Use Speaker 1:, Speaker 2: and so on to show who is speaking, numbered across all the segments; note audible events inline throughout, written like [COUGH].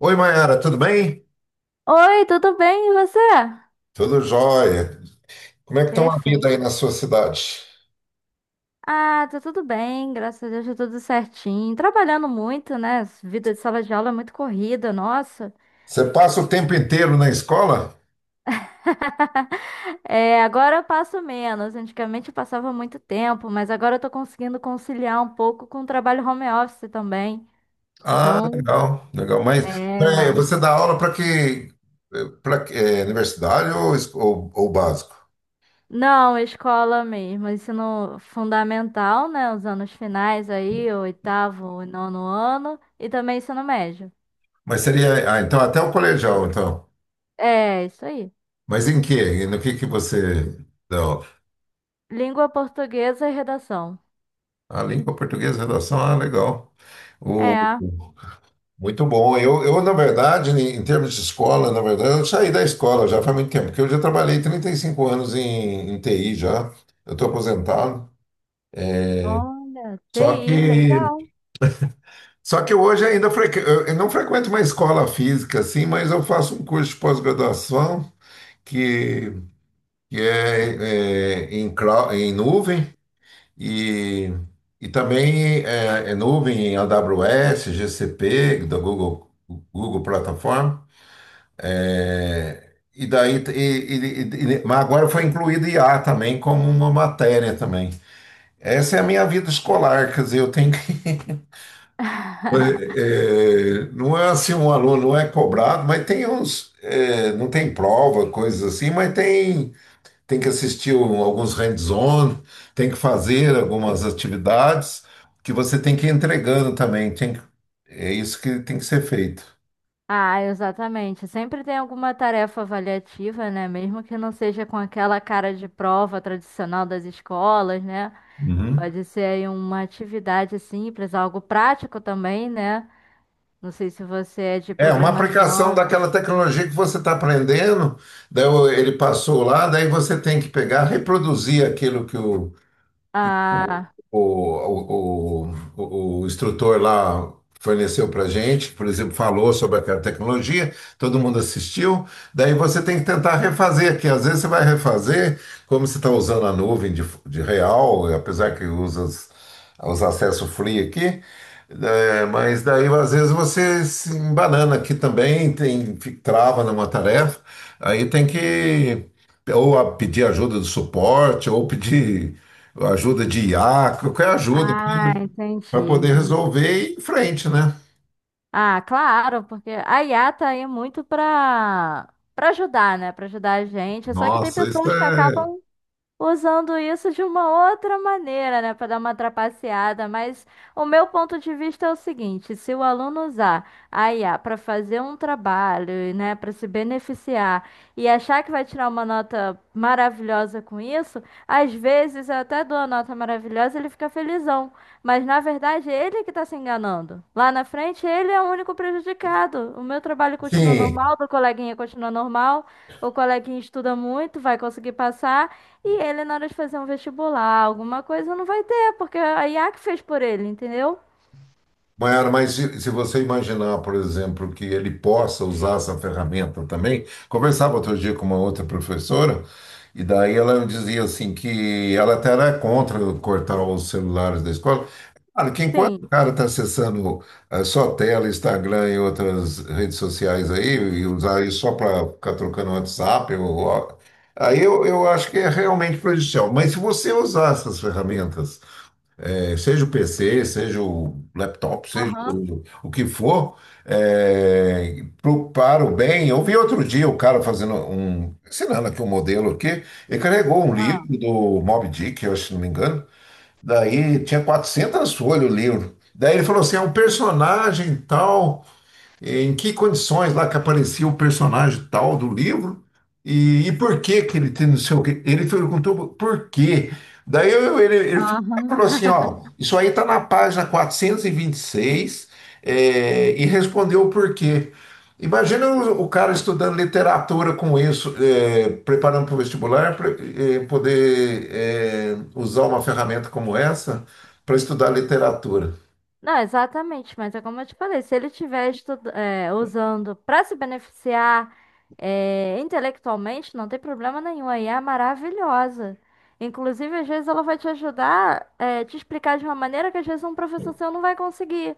Speaker 1: Oi, Mayara, tudo bem?
Speaker 2: Oi, tudo bem? E você?
Speaker 1: Tudo jóia. Como é que estão a vida aí
Speaker 2: Perfeito.
Speaker 1: na sua cidade?
Speaker 2: Ah, tá tudo bem, graças a Deus, tá tudo certinho. Trabalhando muito, né? Vida de sala de aula é muito corrida, nossa.
Speaker 1: Você passa o tempo inteiro na escola?
Speaker 2: [LAUGHS] É, agora eu passo menos. Antigamente eu passava muito tempo, mas agora eu tô conseguindo conciliar um pouco com o trabalho home office também.
Speaker 1: Ah,
Speaker 2: Então,
Speaker 1: legal, legal. Mas
Speaker 2: é.
Speaker 1: você dá aula para que, para universidade ou básico?
Speaker 2: Não, escola mesmo, ensino fundamental, né? Os anos finais aí, o oitavo e nono ano, e também ensino médio.
Speaker 1: Mas seria, ah, então até o colegial, então.
Speaker 2: É, isso aí.
Speaker 1: Mas em quê? E no que você dá aula?
Speaker 2: Língua portuguesa e redação.
Speaker 1: A língua portuguesa, redação, ah, legal.
Speaker 2: É,
Speaker 1: Muito bom. Eu, na verdade, em termos de escola, na verdade, eu saí da escola já faz muito tempo, porque eu já trabalhei 35 anos em TI já. Eu estou aposentado.
Speaker 2: olha,
Speaker 1: Só que,
Speaker 2: TI, legal.
Speaker 1: só que hoje ainda frequ... eu não frequento uma escola física assim, mas eu faço um curso de pós-graduação que, que é, em nuvem e, e também é nuvem em AWS, GCP, da Google, Google Plataforma. É, E daí, mas agora foi incluído IA também como uma matéria também. Essa é a minha vida escolar, quer dizer, eu tenho que. [LAUGHS]
Speaker 2: [LAUGHS]
Speaker 1: eh, não é assim, um aluno não é cobrado, mas tem uns. Não tem prova, coisas assim, mas tem que assistir alguns hands-on, tem que fazer algumas atividades que você tem que ir entregando também. É isso que tem que ser feito.
Speaker 2: Ah, exatamente. Sempre tem alguma tarefa avaliativa, né? Mesmo que não seja com aquela cara de prova tradicional das escolas, né?
Speaker 1: Uhum.
Speaker 2: Pode ser aí uma atividade simples, algo prático também, né? Não sei se você é de
Speaker 1: É uma aplicação
Speaker 2: programação.
Speaker 1: daquela tecnologia que você está aprendendo, daí ele passou lá, daí você tem que pegar, reproduzir aquilo que o,
Speaker 2: Ah,
Speaker 1: o instrutor lá forneceu para gente, por exemplo, falou sobre aquela tecnologia, todo mundo assistiu. Daí você tem que tentar refazer, que às vezes você vai refazer, como você está usando a nuvem de real, apesar que usa os acessos free aqui. Mas daí às vezes você se embanana aqui também, trava numa tarefa, aí tem que pedir ajuda do suporte, ou pedir ajuda de IA, qualquer ajuda
Speaker 2: ah, entendi,
Speaker 1: para poder
Speaker 2: entendi.
Speaker 1: resolver e ir em frente, né?
Speaker 2: Ah, claro, porque a IA tá aí muito pra ajudar, né? Pra ajudar a gente. Só que tem
Speaker 1: Nossa, isso
Speaker 2: pessoas que
Speaker 1: é.
Speaker 2: acabam usando isso de uma outra maneira, né, para dar uma trapaceada, mas o meu ponto de vista é o seguinte: se o aluno usar a IA para fazer um trabalho, né, para se beneficiar e achar que vai tirar uma nota maravilhosa com isso, às vezes eu até dou a nota maravilhosa, e ele fica felizão, mas na verdade é ele que está se enganando. Lá na frente ele é o único prejudicado. O meu trabalho continua
Speaker 1: Sim,
Speaker 2: normal, do coleguinha continua normal, o coleguinha estuda muito, vai conseguir passar. E ele, na hora de fazer um vestibular, alguma coisa, não vai ter, porque é a IA que fez por ele, entendeu?
Speaker 1: Maiara, mas se você imaginar, por exemplo, que ele possa usar essa ferramenta também, conversava outro dia com uma outra professora, e daí ela dizia assim que ela até era contra cortar os celulares da escola. Claro que enquanto o
Speaker 2: Sim.
Speaker 1: cara está acessando só tela, Instagram e outras redes sociais aí, e usar isso só para ficar trocando WhatsApp, aí eu acho que é realmente prejudicial. Mas se você usar essas ferramentas seja o PC, seja o laptop, seja
Speaker 2: Aham.
Speaker 1: o que for, para o bem. Eu vi outro dia o cara fazendo ensinando aqui um modelo aqui, ele carregou um livro
Speaker 2: Ah.
Speaker 1: do Moby Dick, eu acho, se não me engano, daí tinha 400 folhas o livro. Daí ele falou assim, é um personagem tal, em que condições lá que aparecia o personagem tal do livro e por que que ele tem não sei o quê. Ele perguntou por quê. Daí ele
Speaker 2: Aham.
Speaker 1: falou assim, ó,
Speaker 2: [LAUGHS]
Speaker 1: isso aí tá na página 426 e respondeu o porquê. Imagina o cara estudando literatura com isso, preparando para o vestibular, pra, poder usar uma ferramenta como essa para estudar literatura.
Speaker 2: Não, exatamente, mas é como eu te falei, se ele estiver é, usando para se beneficiar é, intelectualmente, não tem problema nenhum, a IA é maravilhosa. Inclusive, às vezes ela vai te ajudar, é, te explicar de uma maneira que às vezes um professor seu não vai conseguir,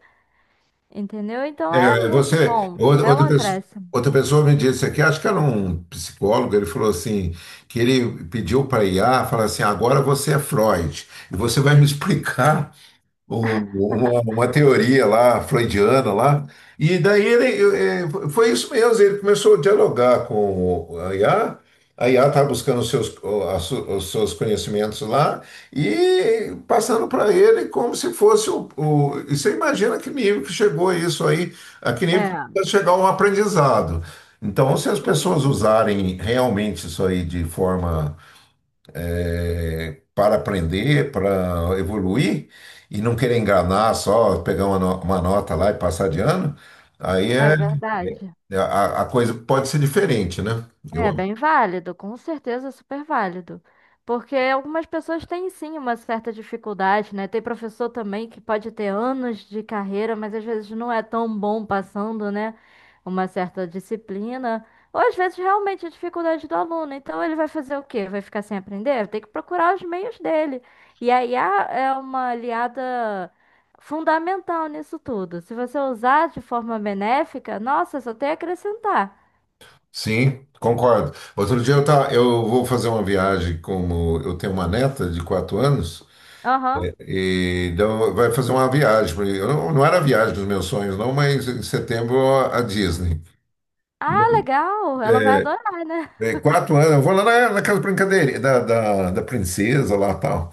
Speaker 2: entendeu? Então
Speaker 1: É,
Speaker 2: é
Speaker 1: é,
Speaker 2: muito
Speaker 1: você,
Speaker 2: bom,
Speaker 1: outra,
Speaker 2: é um acréscimo.
Speaker 1: outra pessoa me disse aqui, acho que era um psicólogo, ele falou assim, que ele pediu para IA, falar assim, agora você é Freud, e você vai me [LAUGHS] explicar uma teoria lá, freudiana lá. E daí foi isso mesmo, ele começou a dialogar com a IA, a IA estava buscando os seus, o- a su- os seus conhecimentos lá e passando para ele como se fosse o. E você imagina que nível que chegou isso aí, a que nível que
Speaker 2: É,
Speaker 1: vai chegar um aprendizado. Então, se as
Speaker 2: sim,
Speaker 1: pessoas
Speaker 2: sim.
Speaker 1: usarem realmente isso aí de forma para aprender, para evoluir e não querer enganar só, pegar uma, no- uma nota lá e passar de ano, aí
Speaker 2: É
Speaker 1: é,
Speaker 2: verdade.
Speaker 1: é- a, a coisa pode ser diferente, né? Eu
Speaker 2: É
Speaker 1: acho.
Speaker 2: bem válido, com certeza é super válido. Porque algumas pessoas têm sim uma certa dificuldade, né? Tem professor também que pode ter anos de carreira, mas às vezes não é tão bom passando, né? Uma certa disciplina. Ou às vezes realmente é dificuldade do aluno. Então ele vai fazer o quê? Vai ficar sem aprender? Tem que procurar os meios dele. E a IA é uma aliada fundamental nisso tudo. Se você usar de forma benéfica, nossa, só tem a acrescentar.
Speaker 1: Sim, concordo. Outro dia tá, eu vou fazer uma viagem, como eu tenho uma neta de 4 anos,
Speaker 2: Aham.
Speaker 1: e então vai fazer uma viagem. Eu não era a viagem dos meus sonhos, não, mas em setembro a Disney.
Speaker 2: Ah, legal. Ela vai adorar, né?
Speaker 1: 4 anos, eu vou lá naquela brincadeira da princesa lá e tal.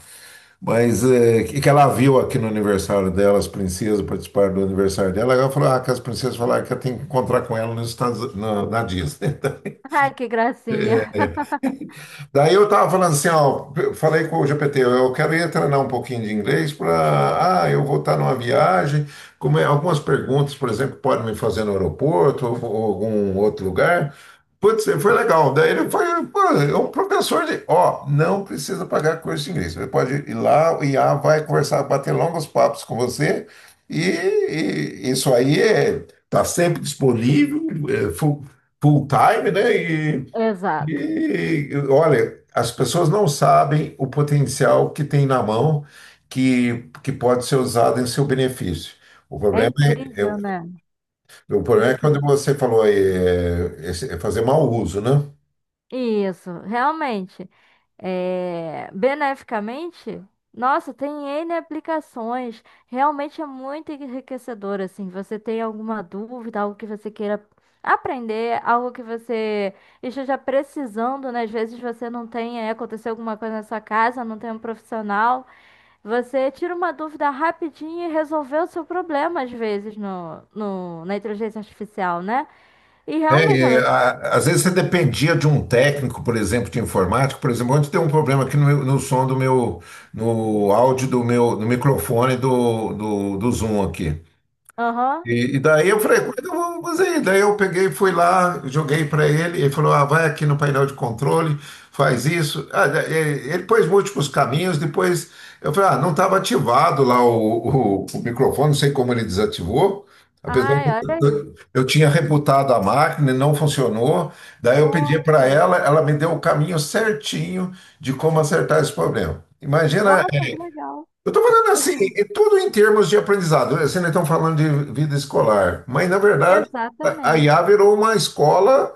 Speaker 1: Mas que ela viu aqui no aniversário dela, as princesas participaram do aniversário dela, ela falou, ah, que as princesas falaram que eu tenho que encontrar com ela nos Estados, na Disney.
Speaker 2: [LAUGHS] Ai, que gracinha.
Speaker 1: Daí eu tava falando assim, ó, eu falei com o GPT, eu quero ir treinar um pouquinho de inglês para, ah, eu vou estar numa viagem, algumas perguntas, por exemplo, que podem me fazer no aeroporto ou algum outro lugar. Putz, foi legal. Daí ele foi, pô, é um professor de, ó, não precisa pagar curso de inglês. Você pode ir lá, o IA vai conversar, bater longos papos com você e isso aí tá sempre disponível, é full time, né?
Speaker 2: Exato.
Speaker 1: E, olha, as pessoas não sabem o potencial que tem na mão que pode ser usado em seu benefício. O
Speaker 2: É
Speaker 1: problema é,
Speaker 2: incrível,
Speaker 1: é-
Speaker 2: né?
Speaker 1: é quando
Speaker 2: Incrível.
Speaker 1: você falou aí, é fazer mau uso, né?
Speaker 2: Isso, realmente. É... Beneficamente, nossa, tem N aplicações. Realmente é muito enriquecedor, assim. Você tem alguma dúvida, algo que você queira aprender, algo que você esteja precisando, né? Às vezes você não tem, é, aconteceu alguma coisa na sua casa, não tem um profissional. Você tira uma dúvida rapidinho e resolveu o seu problema, às vezes, na inteligência artificial, né? E realmente ela.
Speaker 1: Às vezes você dependia de um técnico, por exemplo, de informática. Por exemplo, ontem tem um problema aqui no som do meu, no áudio do meu, no microfone do Zoom aqui.
Speaker 2: Aham.
Speaker 1: E daí eu falei, quando eu fazer? Daí eu peguei, fui lá, joguei para ele, ele falou, ah, vai aqui no painel de controle, faz isso. Ah, ele pôs múltiplos caminhos, depois eu falei, ah, não estava ativado lá o microfone, não sei como ele desativou, apesar
Speaker 2: Ai,
Speaker 1: que
Speaker 2: olha aí.
Speaker 1: eu tinha rebutado a máquina, e não funcionou. Daí eu pedi para
Speaker 2: Nossa.
Speaker 1: ela, ela me deu o caminho certinho de como acertar esse problema. Imagina
Speaker 2: Nossa, que legal.
Speaker 1: eu estou falando assim, é tudo em termos de aprendizado, né? Assim, não estão falando de vida escolar, mas na verdade a
Speaker 2: Exatamente.
Speaker 1: IA virou uma escola,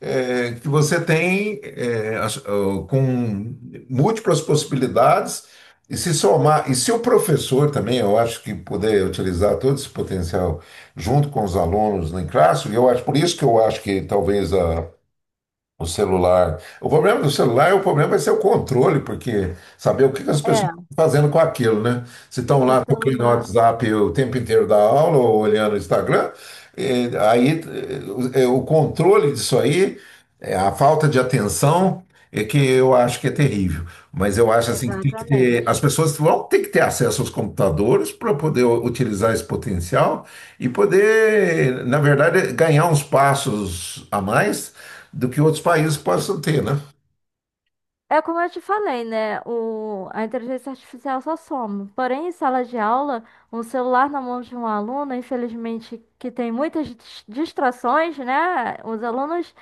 Speaker 1: que você tem ó, com múltiplas possibilidades e se somar. E se o professor também, eu acho que puder utilizar todo esse potencial junto com os alunos em classe, eu acho por isso que eu acho que talvez a o celular. O problema do celular é o problema vai ser o controle, porque saber o que que as pessoas
Speaker 2: É,
Speaker 1: estão fazendo com aquilo, né? Se estão
Speaker 2: o
Speaker 1: lá tocando no
Speaker 2: celular.
Speaker 1: WhatsApp o tempo inteiro da aula ou olhando o Instagram, aí o controle disso aí, a falta de atenção é que eu acho que é terrível. Mas eu acho assim que tem que ter, as
Speaker 2: Exatamente.
Speaker 1: pessoas vão ter que ter acesso aos computadores para poder utilizar esse potencial e poder, na verdade, ganhar uns passos a mais do que outros países possam ter, né?
Speaker 2: É como eu te falei, né? O, a inteligência artificial só soma. Porém, em sala de aula, um celular na mão de um aluno, infelizmente, que tem muitas distrações, né? Os alunos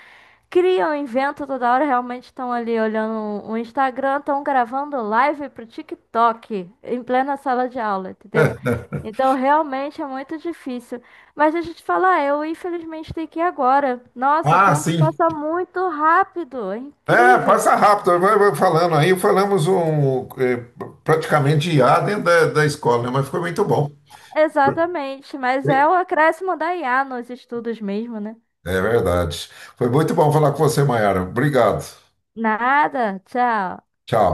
Speaker 2: criam, inventam toda hora, realmente estão ali olhando o Instagram, estão gravando live pro TikTok em plena sala de aula, entendeu?
Speaker 1: É.
Speaker 2: Então realmente é muito difícil. Mas deixa eu te falar, eu infelizmente tenho que ir agora. Nossa, o
Speaker 1: Ah,
Speaker 2: tempo
Speaker 1: sim.
Speaker 2: passa muito rápido, é
Speaker 1: É,
Speaker 2: incrível.
Speaker 1: passa rápido, vai falando aí, falamos praticamente de IA dentro da escola, né? Mas foi muito bom.
Speaker 2: Exatamente, mas é o acréscimo da IA nos estudos mesmo, né?
Speaker 1: É verdade. Foi muito bom falar com você, Maiara. Obrigado.
Speaker 2: Nada, tchau.
Speaker 1: Tchau.